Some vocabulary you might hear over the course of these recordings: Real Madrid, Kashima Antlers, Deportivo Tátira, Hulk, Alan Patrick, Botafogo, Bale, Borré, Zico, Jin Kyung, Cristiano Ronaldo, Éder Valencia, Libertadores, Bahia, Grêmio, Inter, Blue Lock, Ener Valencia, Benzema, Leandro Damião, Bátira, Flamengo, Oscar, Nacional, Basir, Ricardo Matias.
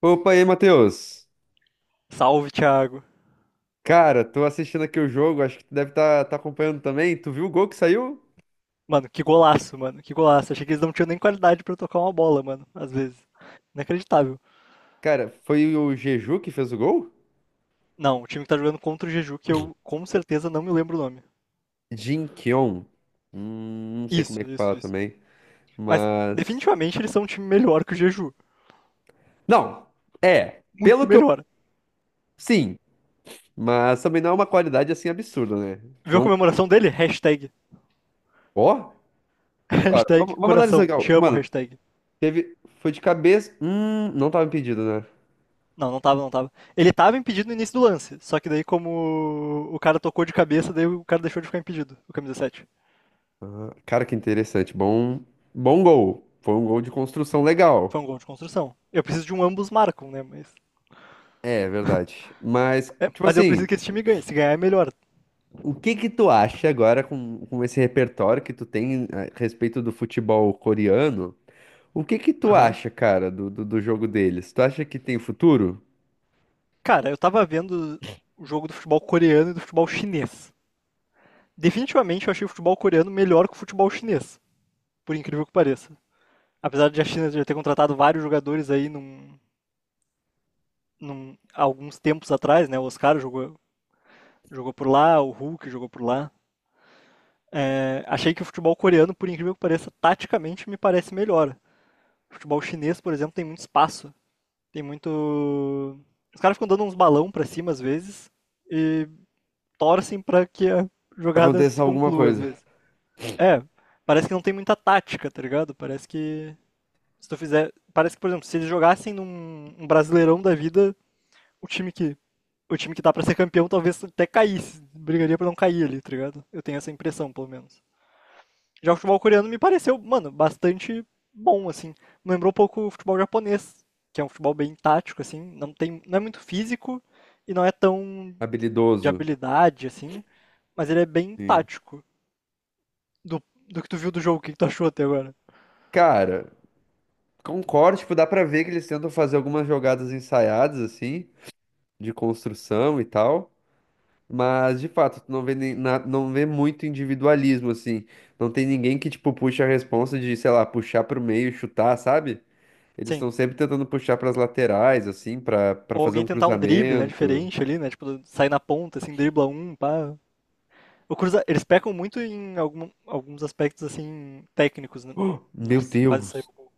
Opa, e aí, Matheus? Salve, Thiago. Cara, tô assistindo aqui o jogo, acho que tu deve estar acompanhando também. Tu viu o gol que saiu? Mano, que golaço, mano. Que golaço. Achei que eles não tinham nem qualidade pra tocar uma bola, mano. Às vezes. Inacreditável. Cara, foi o Jeju que fez o gol? Não, o time que tá jogando contra o Jeju, que eu com certeza não me lembro o nome. Jin Kyung. Não sei como é Isso, que isso, fala isso. também, Mas, mas... definitivamente, eles são um time melhor que o Jeju. Não, é, Muito pelo que eu... melhor. Sim, mas também não é uma qualidade assim absurda, né? Viu Tipo, a comemoração dele? Hashtag. ó, cara, vamos, Hashtag vamos analisar coração. aqui, ó. Te amo, Mano, hashtag. teve... Foi de cabeça... não tava impedido, né? Não, não tava, não tava. Ele tava impedido no início do lance. Só que daí, como o cara tocou de cabeça, daí o cara deixou de ficar impedido, o camisa 7. Cara, que interessante, bom... Bom gol. Foi um gol de construção Foi legal. um gol de construção. Eu preciso de um ambos marcam, né? Mas, É, verdade. Mas, é, tipo mas eu assim, preciso que esse time ganhe. Se ganhar é melhor. o que que tu acha agora com esse repertório que tu tem a respeito do futebol coreano? O que que tu Aham. acha, cara, do jogo deles? Tu acha que tem futuro? Cara, eu tava vendo o jogo do futebol coreano e do futebol chinês. Definitivamente eu achei o futebol coreano melhor que o futebol chinês, por incrível que pareça. Apesar de a China já ter contratado vários jogadores aí há alguns tempos atrás, né? O Oscar jogou por lá, o Hulk jogou por lá. É, achei que o futebol coreano, por incrível que pareça, taticamente me parece melhor. O futebol chinês, por exemplo, tem muito espaço. Tem muito. Os caras ficam dando uns balão pra cima às vezes. E torcem para que a jogada Aconteça se alguma conclua às coisa. vezes. É, parece que não tem muita tática, tá ligado? Parece que se tu fizer, parece que, por exemplo, se eles jogassem num Brasileirão da vida, o time que o time que dá para ser campeão talvez até caísse, brigaria para não cair ali, tá ligado? Eu tenho essa impressão, pelo menos. Já o futebol coreano me pareceu, mano, bastante bom assim. Me lembrou um pouco o futebol japonês, que é um futebol bem tático assim, não tem, não é muito físico e não é tão de Habilidoso. habilidade assim, mas ele é bem Sim. tático. do, do que tu viu do jogo, o que, que tu achou até agora? Cara, concordo, tipo, dá pra ver que eles tentam fazer algumas jogadas ensaiadas, assim, de construção e tal. Mas, de fato, tu não vê, não vê muito individualismo, assim. Não tem ninguém que, tipo, puxa a responsa de, sei lá, puxar pro meio, e chutar, sabe? Eles Sim. estão sempre tentando puxar pras laterais, assim, pra Ou fazer alguém um tentar um drible, né, cruzamento. diferente ali, né? Tipo, sair na ponta, assim, dribla um, pá. O Cruz, eles pecam muito em alguns aspectos, assim, técnicos, né? Oh, meu Nossa, quase saiu Deus! o gol.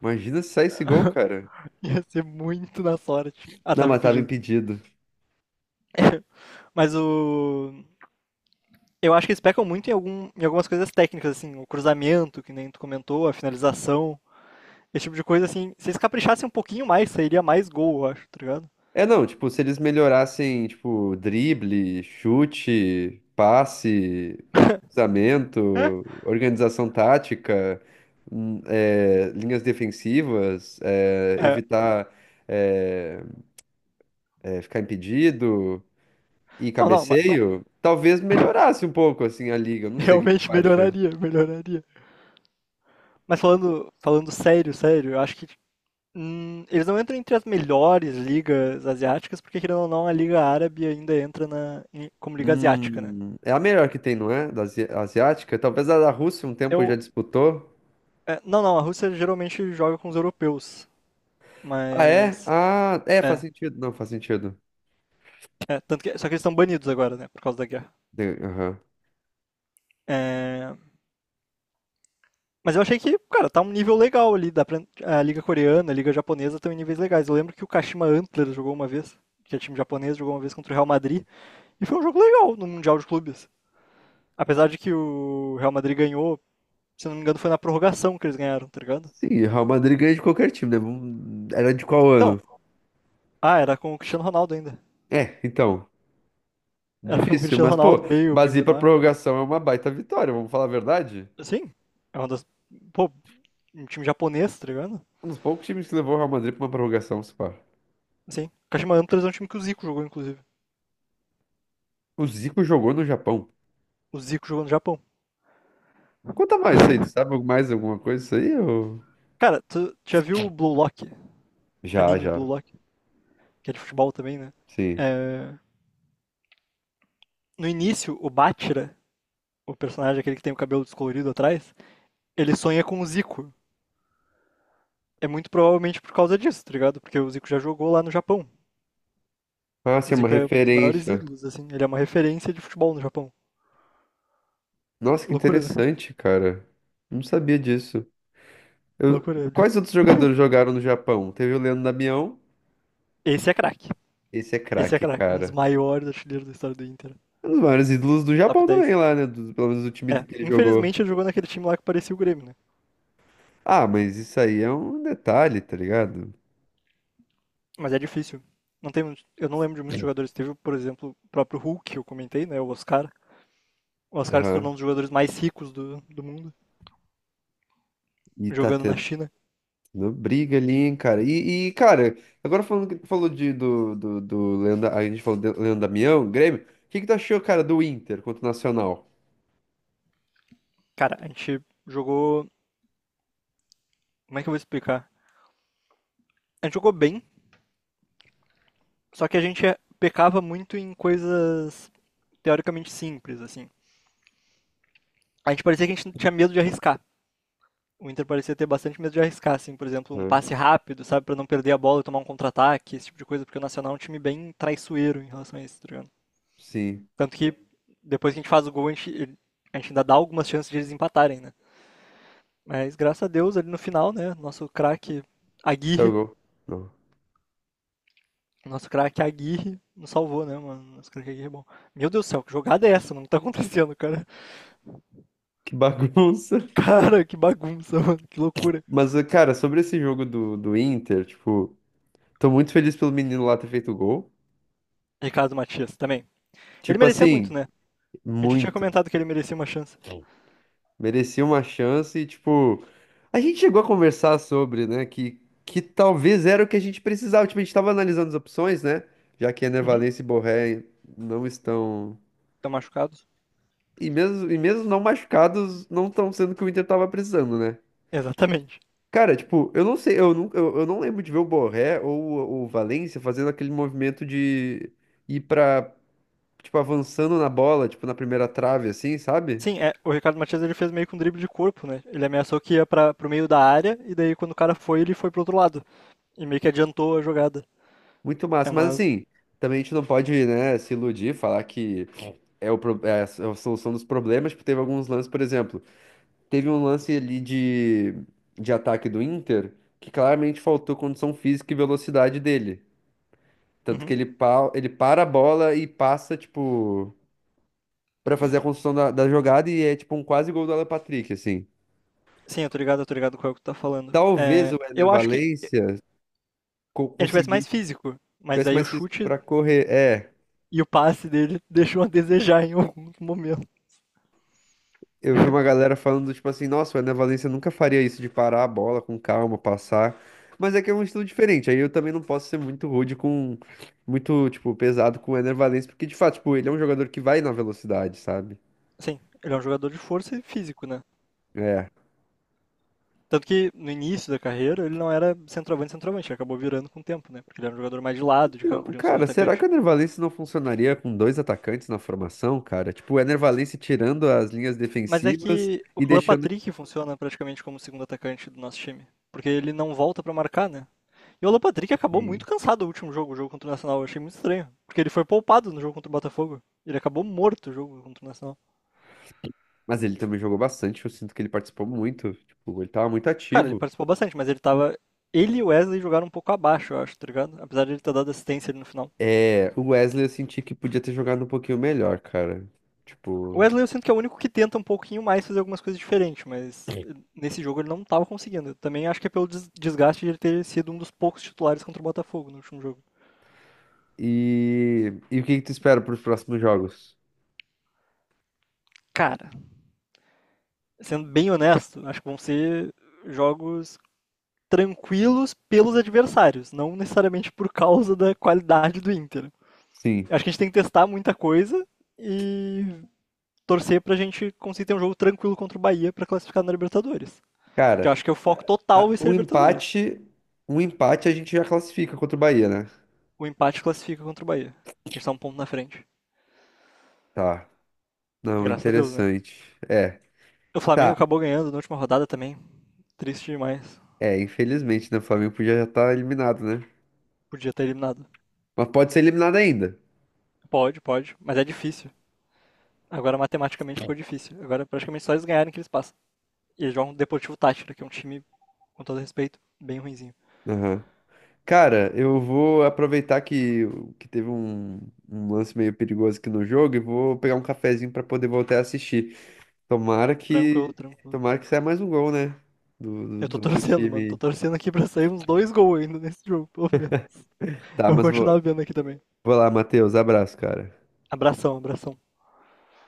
Imagina se sai esse gol, cara. Ia ser muito na sorte. Ah, Não, tava mas tava impedido. impedido. Mas o... Eu acho que eles pecam muito em algumas coisas técnicas, assim, o cruzamento, que nem tu comentou, a finalização, esse tipo de coisa, assim. Se eles caprichassem um pouquinho mais, sairia mais gol, eu acho, tá ligado? É, não, tipo, se eles melhorassem, tipo, drible, chute, passe, cruzamento, organização tática, linhas defensivas, é, É, evitar é, ficar impedido e não, não, mas, cabeceio, talvez melhorasse um pouco, assim, a liga. Eu não sei o que realmente tu acha. melhoraria, melhoraria. Mas falando sério, sério, eu acho que, eles não entram entre as melhores ligas asiáticas, porque querendo ou não, a Liga Árabe ainda entra como Liga Asiática, né? É a melhor que tem, não é? Da asiática? Talvez a da Rússia um tempo já Eu, disputou. é, não, não, a Rússia geralmente joga com os europeus, Ah, é? mas. Ah, é, faz É, sentido. Não, faz sentido. é, tanto que só que eles estão banidos agora, né, por causa da guerra. Aham. É, mas eu achei que, cara, tá um nível legal ali, dá pra, a Liga Coreana, a Liga Japonesa estão em níveis legais. Eu lembro que o Kashima Antlers jogou uma vez, que é time japonês, jogou uma vez contra o Real Madrid, e foi um jogo legal no Mundial de Clubes. Apesar de que o Real Madrid ganhou, se não me engano, foi na prorrogação que eles ganharam, tá ligado? Sim, Real Madrid ganha de qualquer time, né? Era de qual Então, ano? ah, era com o Cristiano Ronaldo ainda. É, então, Era com o difícil, Cristiano mas Ronaldo, pô, Bale, Basir pra Benzema. prorrogação é uma baita vitória, vamos falar a verdade? Sim, é uma das. Pô, um time japonês, tá ligado? Um dos poucos times que levou o Real Madrid pra uma prorrogação, se pá. Sim. O Kashima Antlers é um time que o Zico jogou, inclusive. O Zico jogou no Japão. O Zico jogou no Japão. Conta mais isso aí, tu sabe mais alguma coisa isso aí? Ou... Cara, tu já viu o Blue Lock? Já, Anime Blue já, Lock, que é de futebol também, né? sim. É, no início, o Bátira, o personagem aquele que tem o cabelo descolorido atrás, ele sonha com o Zico. É muito provavelmente por causa disso, tá ligado? Porque o Zico já jogou lá no Japão. Ah, sim, O é uma Zico é um dos maiores referência. ídolos, assim. Ele é uma referência de futebol no Japão. Nossa, que Loucura, né? interessante, cara. Não sabia disso. Eu- Loucura. Quais outros jogadores jogaram no Japão? Teve o Leandro Damião. Esse é craque. Esse é Esse é craque, craque. Um dos cara. maiores artilheiros da história do Inter. É um dos maiores ídolos do Top Japão também 10. lá, né? Pelo menos do time É. que ele jogou. Infelizmente ele jogou naquele time lá que parecia o Grêmio, né? Ah, mas isso aí é um detalhe, tá ligado? Mas é difícil. Eu não lembro de muitos jogadores. Teve, por exemplo, o próprio Hulk, que eu comentei, né? O Oscar. O Oscar que se Aham. tornou um dos jogadores mais ricos do mundo, E tá jogando na tendo China. briga ali, hein, cara. Cara, agora falando que falou de, do Leandro, a gente falou de Leandro Damião, Grêmio. O que que tu achou, cara, do Inter contra o Nacional? Cara, a gente jogou. Como é que eu vou explicar? A gente jogou bem. Só que a gente pecava muito em coisas teoricamente simples, assim. A gente parecia que a gente tinha medo de arriscar. O Inter parecia ter bastante medo de arriscar, assim, por exemplo, um Aham. passe rápido, sabe, para não perder a bola e tomar um contra-ataque, esse tipo de coisa, porque o Nacional é um time bem traiçoeiro em relação a isso, tá ligado? Sim. Tanto que depois que a gente faz o gol, a gente ainda dá algumas chances de eles empatarem, né? Mas graças a Deus, ali no final, né, Aguirre, Jogou. Não. nosso craque Aguirre nos salvou, né, mano? Nosso craque Aguirre é bom. Meu Deus do céu, que jogada é essa, mano? O que tá acontecendo, cara? Que bagunça. Cara, que bagunça, mano. Que loucura. Mas, cara, sobre esse jogo do Inter, tipo, tô muito feliz pelo menino lá ter feito o gol. Ricardo Matias também. Ele Tipo merecia assim, muito, né? A gente tinha muito. comentado que ele merecia uma chance. Merecia uma chance e, tipo, a gente chegou a conversar sobre, né, que talvez era o que a gente precisava. Tipo, a gente tava analisando as opções, né, já que Ener Uhum. Valencia e Borré não estão... Tá machucado? E mesmo não machucados, não estão sendo o que o Inter tava precisando, né? Exatamente. Cara, tipo, eu não sei, eu não lembro de ver o Borré ou o Valência fazendo aquele movimento de ir pra, tipo, avançando na bola, tipo, na primeira trave, assim, sabe? Sim, é, o Ricardo Matias ele fez meio que um drible de corpo, né? Ele ameaçou que ia para pro meio da área e daí quando o cara foi, ele foi pro outro lado. E meio que adiantou a jogada. Muito É massa, mas uma. assim, também a gente não pode, né, se iludir, falar que é, é a solução dos problemas, porque teve alguns lances, por exemplo, teve um lance ali de ataque do Inter, que claramente faltou condição física e velocidade dele. Tanto Uhum. que ele, ele para a bola e passa, tipo, pra fazer a construção da jogada e é, tipo, um quase gol do Alan Patrick, assim. Sim, eu tô ligado com o que tu tá falando. Talvez É, o Éder eu acho que Valencia ele tivesse mais conseguisse, físico, mas tivesse aí o mais físico chute pra correr, é. e o passe dele deixou a desejar em algum momento. Eu vi uma galera falando, tipo assim, nossa, o Ené Valencia nunca faria isso de parar a bola com calma, passar. Mas é que é um estilo diferente. Aí eu também não posso ser muito rude com, muito, tipo, pesado com o Ené Valencia, porque de fato, tipo, ele é um jogador que vai na velocidade, sabe? Sim, ele é um jogador de força e físico, né? É. Tanto que no início da carreira ele não era centroavante, centroavante, ele acabou virando com o tempo, né? Porque ele era um jogador mais de lado, de campo, Não, de um segundo cara, será que atacante. o Ener Valencia não funcionaria com dois atacantes na formação, cara? Tipo, o Ener Valencia tirando as linhas Mas é defensivas que o e Alan deixando. Patrick funciona praticamente como segundo atacante do nosso time, porque ele não volta para marcar, né? E o Alan Patrick acabou Sim. muito cansado no último jogo, o jogo contra o Nacional. Eu achei muito estranho, porque ele foi poupado no jogo contra o Botafogo. Ele acabou morto no jogo contra o Nacional. Mas ele também jogou bastante, eu sinto que ele participou muito. Tipo, ele tava muito Cara, ele ativo. participou bastante, mas ele e o Wesley jogaram um pouco abaixo, eu acho, tá ligado? Apesar de ele ter dado assistência ali no final. É, o Wesley eu senti que podia ter jogado um pouquinho melhor, cara. O Tipo. Wesley eu sinto que é o único que tenta um pouquinho mais fazer algumas coisas diferentes, mas nesse jogo ele não estava conseguindo. Eu também acho que é pelo desgaste de ele ter sido um dos poucos titulares contra o Botafogo no último jogo. E o que que tu espera para os próximos jogos? Cara, sendo bem honesto, acho que vão ser jogos tranquilos pelos adversários, não necessariamente por causa da qualidade do Inter. Sim. Acho que a gente tem que testar muita coisa e torcer pra gente conseguir ter um jogo tranquilo contra o Bahia pra classificar na Libertadores. Que Cara, eu acho que é o foco total a- vai ser um Libertadores. empate. Um empate a gente já classifica contra o Bahia, né? O empate classifica contra o Bahia, que está um ponto na frente. Tá. Não, Graças a Deus, né? interessante. É. O Flamengo Tá. acabou ganhando na última rodada também. Triste demais. É, infelizmente, né? O Flamengo podia já estar eliminado, né? Podia ter eliminado. Mas pode ser eliminado ainda. Pode, pode, mas é difícil. Agora matematicamente ficou difícil. Agora praticamente só eles ganharem que eles passam. E eles jogam o Deportivo Tátira, que é um time, com todo respeito, bem ruinzinho. Aham. Cara, eu vou aproveitar que teve um, um lance meio perigoso aqui no jogo e vou pegar um cafezinho para poder voltar a assistir. Tomara Tranquilo, que, tranquilo. tomara que saia mais um gol, né? Do, do, Eu tô do outro torcendo, mano. Tô time. torcendo aqui pra sair uns dois gols ainda nesse jogo, pelo menos. Tá, Eu vou mas continuar vou, vendo aqui também. vou lá, Matheus. Abraço, cara. Abração, abração.